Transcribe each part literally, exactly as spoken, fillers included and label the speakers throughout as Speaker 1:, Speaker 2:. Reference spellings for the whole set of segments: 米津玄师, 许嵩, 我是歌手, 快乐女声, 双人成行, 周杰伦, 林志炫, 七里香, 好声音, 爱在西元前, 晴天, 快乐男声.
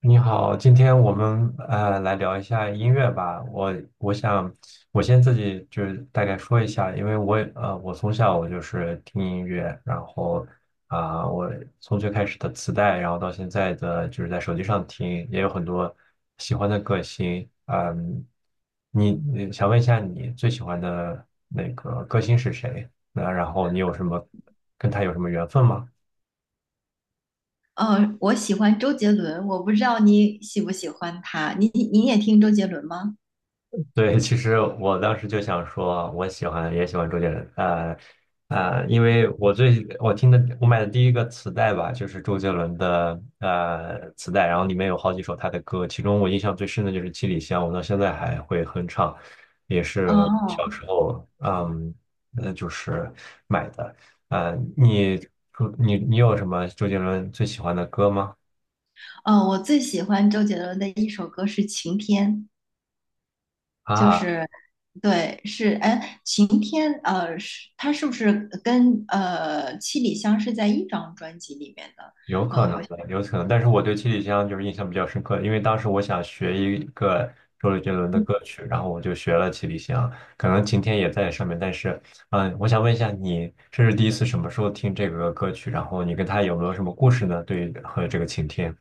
Speaker 1: 你好，今天我们呃来聊一下音乐吧。我我想，我先自己就是大概说一下，因为我也呃我从小我就是听音乐，然后啊、我从最开始的磁带，然后到现在的就是在手机上听，也有很多喜欢的歌星。嗯，你你想问一下你最喜欢的那个歌星是谁？那然后你有什么跟他有什么缘分吗？
Speaker 2: 嗯，我喜欢周杰伦，我不知道你喜不喜欢他，你你你也听周杰伦吗？
Speaker 1: 对，其实我当时就想说，我喜欢也喜欢周杰伦，呃呃，因为我最我听的我买的第一个磁带吧，就是周杰伦的呃磁带，然后里面有好几首他的歌，其中我印象最深的就是《七里香》，我到现在还会哼唱，也是
Speaker 2: 哦
Speaker 1: 小时候嗯呃就是买的，呃，你你你有什么周杰伦最喜欢的歌吗？
Speaker 2: 哦，我最喜欢周杰伦的一首歌是《晴天》，就
Speaker 1: 啊，
Speaker 2: 是对，是哎，《晴天》呃，是他是不是跟呃《七里香》是在一张专辑里面的？
Speaker 1: 有可
Speaker 2: 呃，
Speaker 1: 能
Speaker 2: 好像。
Speaker 1: 的，有可能，但是我对七里香就是印象比较深刻，因为当时我想学一个周杰伦的歌曲，然后我就学了七里香，可能晴天也在上面，但是，嗯，我想问一下你，这是第一次什么时候听这个歌曲？然后你跟他有没有什么故事呢？对于和这个晴天。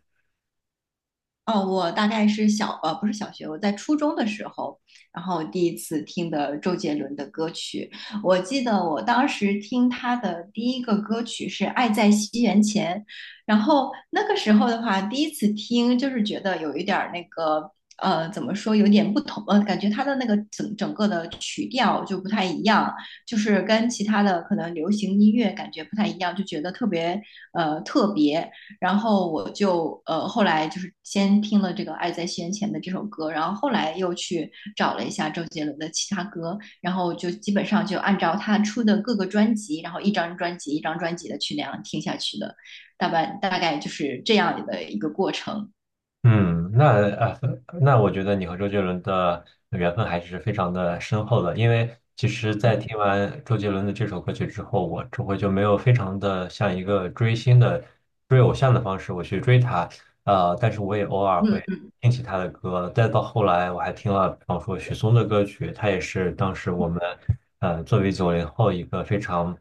Speaker 2: 哦，我大概是小，呃，不是小学，我在初中的时候，然后第一次听的周杰伦的歌曲。我记得我当时听他的第一个歌曲是《爱在西元前》，然后那个时候的话，第一次听就是觉得有一点儿那个，呃，怎么说，有点不同，呃，感觉他的那个整整个的曲调就不太一样，就是跟其他的可能流行音乐感觉不太一样，就觉得特别，呃，特别。然后我就呃后来就是先听了这个《爱在西元前》的这首歌，然后后来又去找了一下周杰伦的其他歌，然后就基本上就按照他出的各个专辑，然后一张专辑一张专辑的去那样听下去的，大半大概就是这样的一个过程。
Speaker 1: 嗯，那啊，那我觉得你和周杰伦的缘分还是非常的深厚的，因为其实，在听完周杰伦的这首歌曲之后，我这回就没有非常的像一个追星的追偶像的方式我去追他，呃，但是我也偶尔会
Speaker 2: 嗯，
Speaker 1: 听起他的歌，再到后来我还听了，比方说许嵩的歌曲，他也是当时我们呃作为九零后一个非常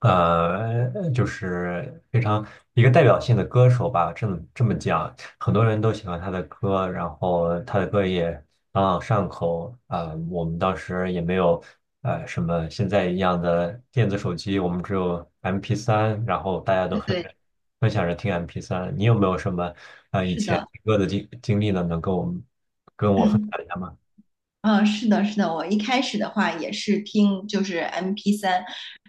Speaker 1: 呃，就是非常一个代表性的歌手吧，这么这么讲，很多人都喜欢他的歌，然后他的歌也朗朗上口。啊、我们当时也没有呃什么现在一样的电子手机，我们只有 M P 三，然后大家都
Speaker 2: 对
Speaker 1: 分
Speaker 2: 对，
Speaker 1: 着分享着听 M P 三。你有没有什么呃以
Speaker 2: 是
Speaker 1: 前
Speaker 2: 的。
Speaker 1: 听歌的经经历呢？能跟我们跟 我分
Speaker 2: 嗯
Speaker 1: 享一下吗？
Speaker 2: 嗯，是的，是的，我一开始的话也是听就是 m p 三，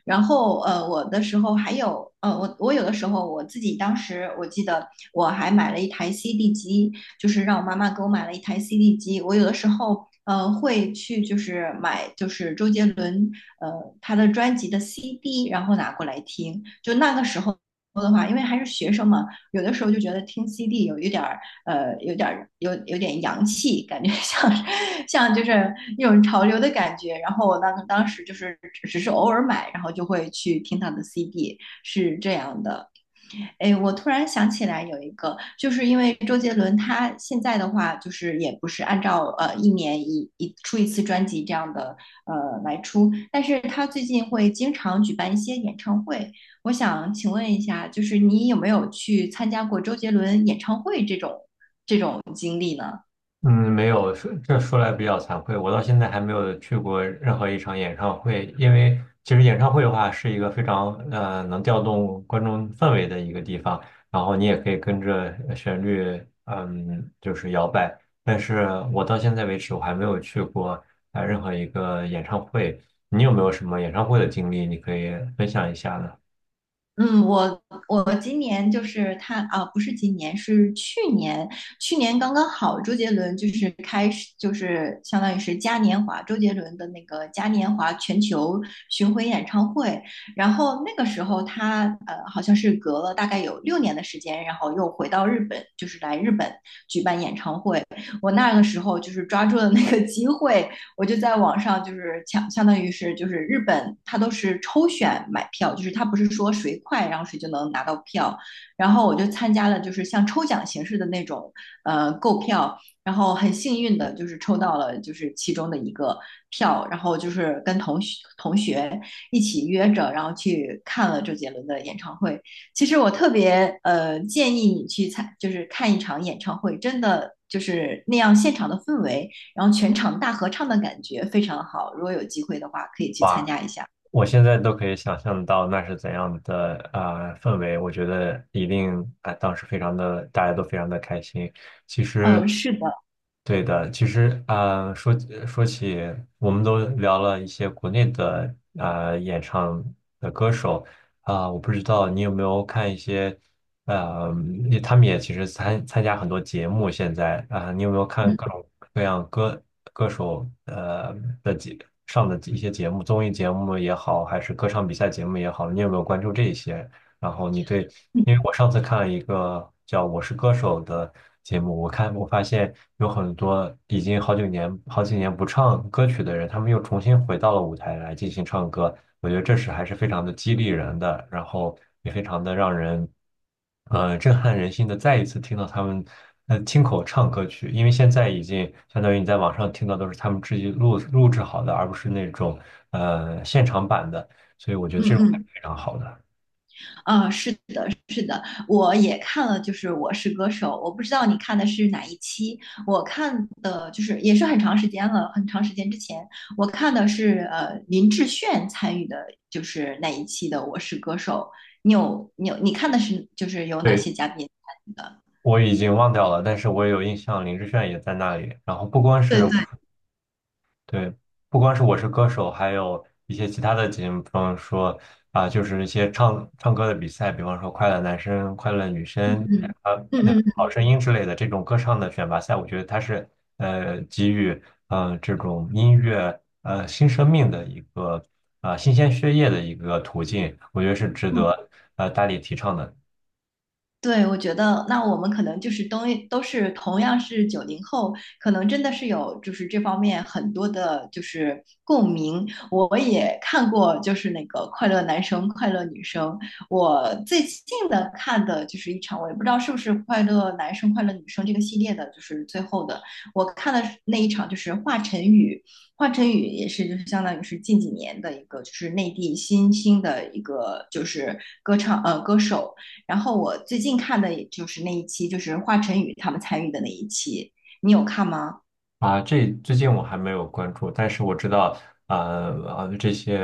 Speaker 2: 然后呃，我的时候还有呃，我我有的时候我自己当时我记得我还买了一台 C D 机，就是让我妈妈给我买了一台 C D 机，我有的时候呃会去就是买就是周杰伦呃他的专辑的 C D，然后拿过来听，就那个时候。的话，因为还是学生嘛，有的时候就觉得听 C D 有一点儿，呃，有点儿有有点洋气，感觉 像像就是那种潮流的感觉。然后我当当时就是只是偶尔买，然后就会去听他的 C D，是这样的。哎，我突然想起来有一个，就是因为周杰伦他现在的话，就是也不是按照呃一年一一出一次专辑这样的呃来出，但是他最近会经常举办一些演唱会。我想请问一下，就是你有没有去参加过周杰伦演唱会这种这种经历呢？
Speaker 1: 嗯，没有，说这说来比较惭愧，我到现在还没有去过任何一场演唱会，因为其实演唱会的话是一个非常呃能调动观众氛围的一个地方，然后你也可以跟着呃旋律，嗯，就是摇摆。但是我到现在为止，我还没有去过呃任何一个演唱会。你有没有什么演唱会的经历，你可以分享一下呢？
Speaker 2: 嗯，我我今年就是他啊，不是今年，是去年，去年刚刚好，周杰伦就是开始，就是相当于是嘉年华，周杰伦的那个嘉年华全球巡回演唱会，然后那个时候他呃，好像是隔了大概有六年的时间，然后又回到日本，就是来日本举办演唱会。我那个时候就是抓住了那个机会，我就在网上就是抢，相当于是就是日本，它都是抽选买票，就是它不是说谁快然后谁就能拿到票。然后我就参加了就是像抽奖形式的那种呃购票，然后很幸运的就是抽到了就是其中的一个票，然后就是跟同学同学一起约着，然后去看了周杰伦的演唱会。其实我特别呃建议你去参，就是看一场演唱会，真的就是那样现场的氛围。然后全场大合唱的感觉非常好。如果有机会的话，可以去参加一下。
Speaker 1: 我现在都可以想象到那是怎样的啊、呃氛围，我觉得一定啊、当时非常的，大家都非常的开心。
Speaker 2: 嗯，呃是的，
Speaker 1: 对的，其实啊、呃说呃说起，我们都聊了一些国内的啊呃演唱的歌手，啊、我不知道你有没有看一些，呃，也他们也其实参参加很多节目，现在，啊、你有没有看
Speaker 2: 嗯
Speaker 1: 各种各样歌歌手呃的节上的一些节目，综艺节目也好，还是歌唱比赛节目也好，你有没有关注这一些？然后你对，
Speaker 2: 嗯
Speaker 1: 因为我上次看了一个叫《我是歌手》的节目，我看我发现有很多已经好几年好几年不唱歌曲的人，他们又重新回到了舞台来进行唱歌，我觉得这是还是非常的激励人的，然后也非常的让人，呃，震撼人心的。再一次听到他们呃亲口唱歌曲，因为现在已经相当于你在网上听到都是他们自己录录制好的，而不是那种呃现场版的，所以我觉得
Speaker 2: 嗯
Speaker 1: 这种还是
Speaker 2: 嗯，
Speaker 1: 非常好的。
Speaker 2: 啊，呃是的，是的，我也看了，就是《我是歌手》，我不知道你看的是哪一期，我看的就是也是很长时间了，很长时间之前，我看的是呃林志炫参与的，就是那一期的《我是歌手》。你有你有你看的是就是有哪
Speaker 1: 对。
Speaker 2: 些嘉宾参与的？
Speaker 1: 我已经忘掉了，但是我也有印象，林志炫也在那里。然后不光
Speaker 2: 对
Speaker 1: 是
Speaker 2: 对，
Speaker 1: 对，不光是我是歌手，还有一些其他的节目，比方说啊、就是一些唱唱歌的比赛，比方说《快乐男声》《快乐女声》
Speaker 2: 嗯
Speaker 1: 啊、那
Speaker 2: 嗯嗯
Speaker 1: 《好声音》之类的这种歌唱的选拔赛，我觉得它是呃给予呃这种音乐呃新生命的一个啊、新鲜血液的一个途径，我觉得是值
Speaker 2: 嗯
Speaker 1: 得呃大力提倡的。
Speaker 2: 对，我觉得那我们可能就是都都是同样是九零后，可能真的是有就是这方面很多的，就是共鸣。我也看过，就是那个《快乐男生》《快乐女生》，我最近的看的就是一场，我也不知道是不是《快乐男生》《快乐女生》这个系列的，就是最后的，我看的那一场就是华晨宇，华晨宇也是就是相当于是近几年的一个就是内地新兴的一个就是歌唱呃歌手。然后我最近看的也就是那一期，就是华晨宇他们参与的那一期，你有看吗？
Speaker 1: 啊，这最近我还没有关注，但是我知道，呃呃，这些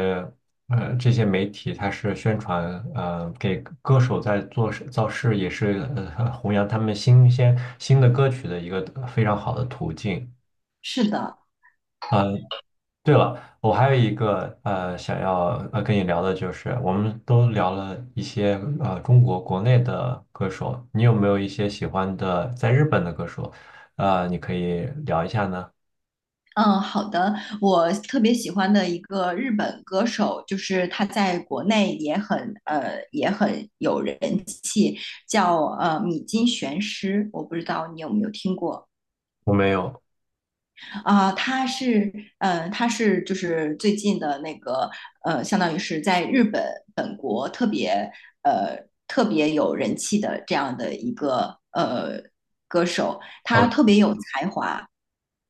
Speaker 1: 呃这些媒体它是宣传，呃，给歌手在做事造势，也是呃弘扬他们新鲜新的歌曲的一个非常好的途径。
Speaker 2: 是的，
Speaker 1: 对了，我还有一个呃想要呃跟你聊的就是，我们都聊了一些呃中国国内的歌手，你有没有一些喜欢的在日本的歌手？呃，你可以聊一下呢？
Speaker 2: 嗯，好的。我特别喜欢的一个日本歌手，就是他在国内也很呃也很有人，叫呃米津玄师，我不知道你有没有听过。
Speaker 1: 我没有。
Speaker 2: 啊，他是，呃，他是就是最近的那个，呃，相当于是在日本本国特别，呃，特别有人气的这样的一个呃歌手，他特别有才华。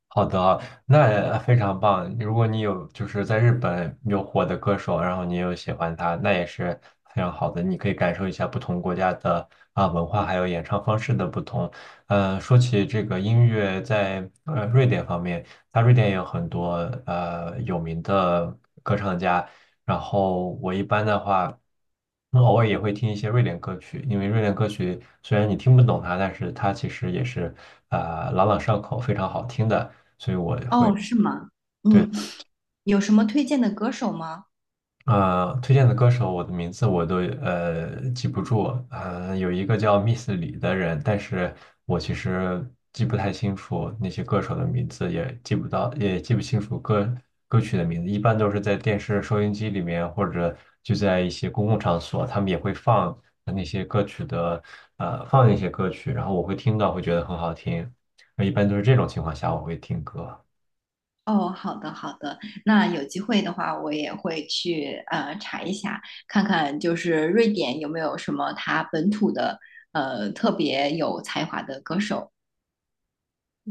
Speaker 1: 好的啊，那呃非常棒。如果你有就是在日本有火的歌手，然后你有喜欢他，那也是非常好的。你可以感受一下不同国家的啊文化，还有演唱方式的不同。呃，说起这个音乐，在呃瑞典方面，它瑞典也有很多呃有名的歌唱家。然后我一般的话。那偶尔也会听一些瑞典歌曲，因为瑞典歌曲虽然你听不懂它，但是它其实也是啊、呃朗朗上口，非常好听的，所以我会
Speaker 2: 哦，是吗？
Speaker 1: 对，
Speaker 2: 嗯，有什么推荐的歌手吗？
Speaker 1: 呃，推荐的歌手，我的名字我都呃记不住。呃，有一个叫 Miss 李的人，但是我其实记不太清楚那些歌手的名字，也记不到，也记不清楚歌歌曲的名字。一般都是在电视、收音机里面，或者就在一些公共场所，他们也会放呃那些歌曲的，呃，放一些歌曲，然后我会听到，会觉得很好听。呃一般都是这种情况下，我会听歌。
Speaker 2: 哦，好的，好的。那有机会的话，我也会去呃查一下，看看就是瑞典有没有什么他本土的呃特别有才华的歌手。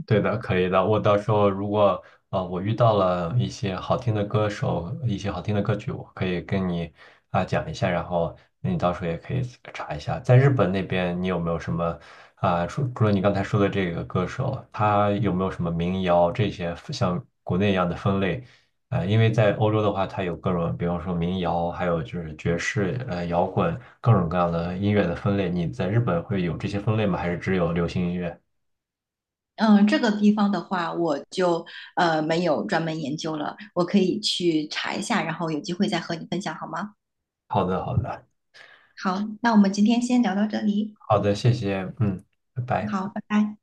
Speaker 1: 对的，可以的。我到时候如果呃我遇到了一些好听的歌手，一些好听的歌曲，我可以跟你啊、讲一下，然后你到时候也可以查一下，在日本那边你有没有什么啊、除除了你刚才说的这个歌手，他有没有什么民谣这些像国内一样的分类？呃，因为在欧洲的话，它有各种，比方说民谣，还有就是爵士、呃摇滚，各种各样的音乐的分类。你在日本会有这些分类吗？还是只有流行音乐？
Speaker 2: 嗯，这个地方的话，我就呃没有专门研究了，我可以去查一下，然后有机会再和你分享好吗？
Speaker 1: 好的，好的。
Speaker 2: 好，那我们今天先聊到这里，
Speaker 1: 好的，谢谢，嗯，拜拜。
Speaker 2: 好，拜拜。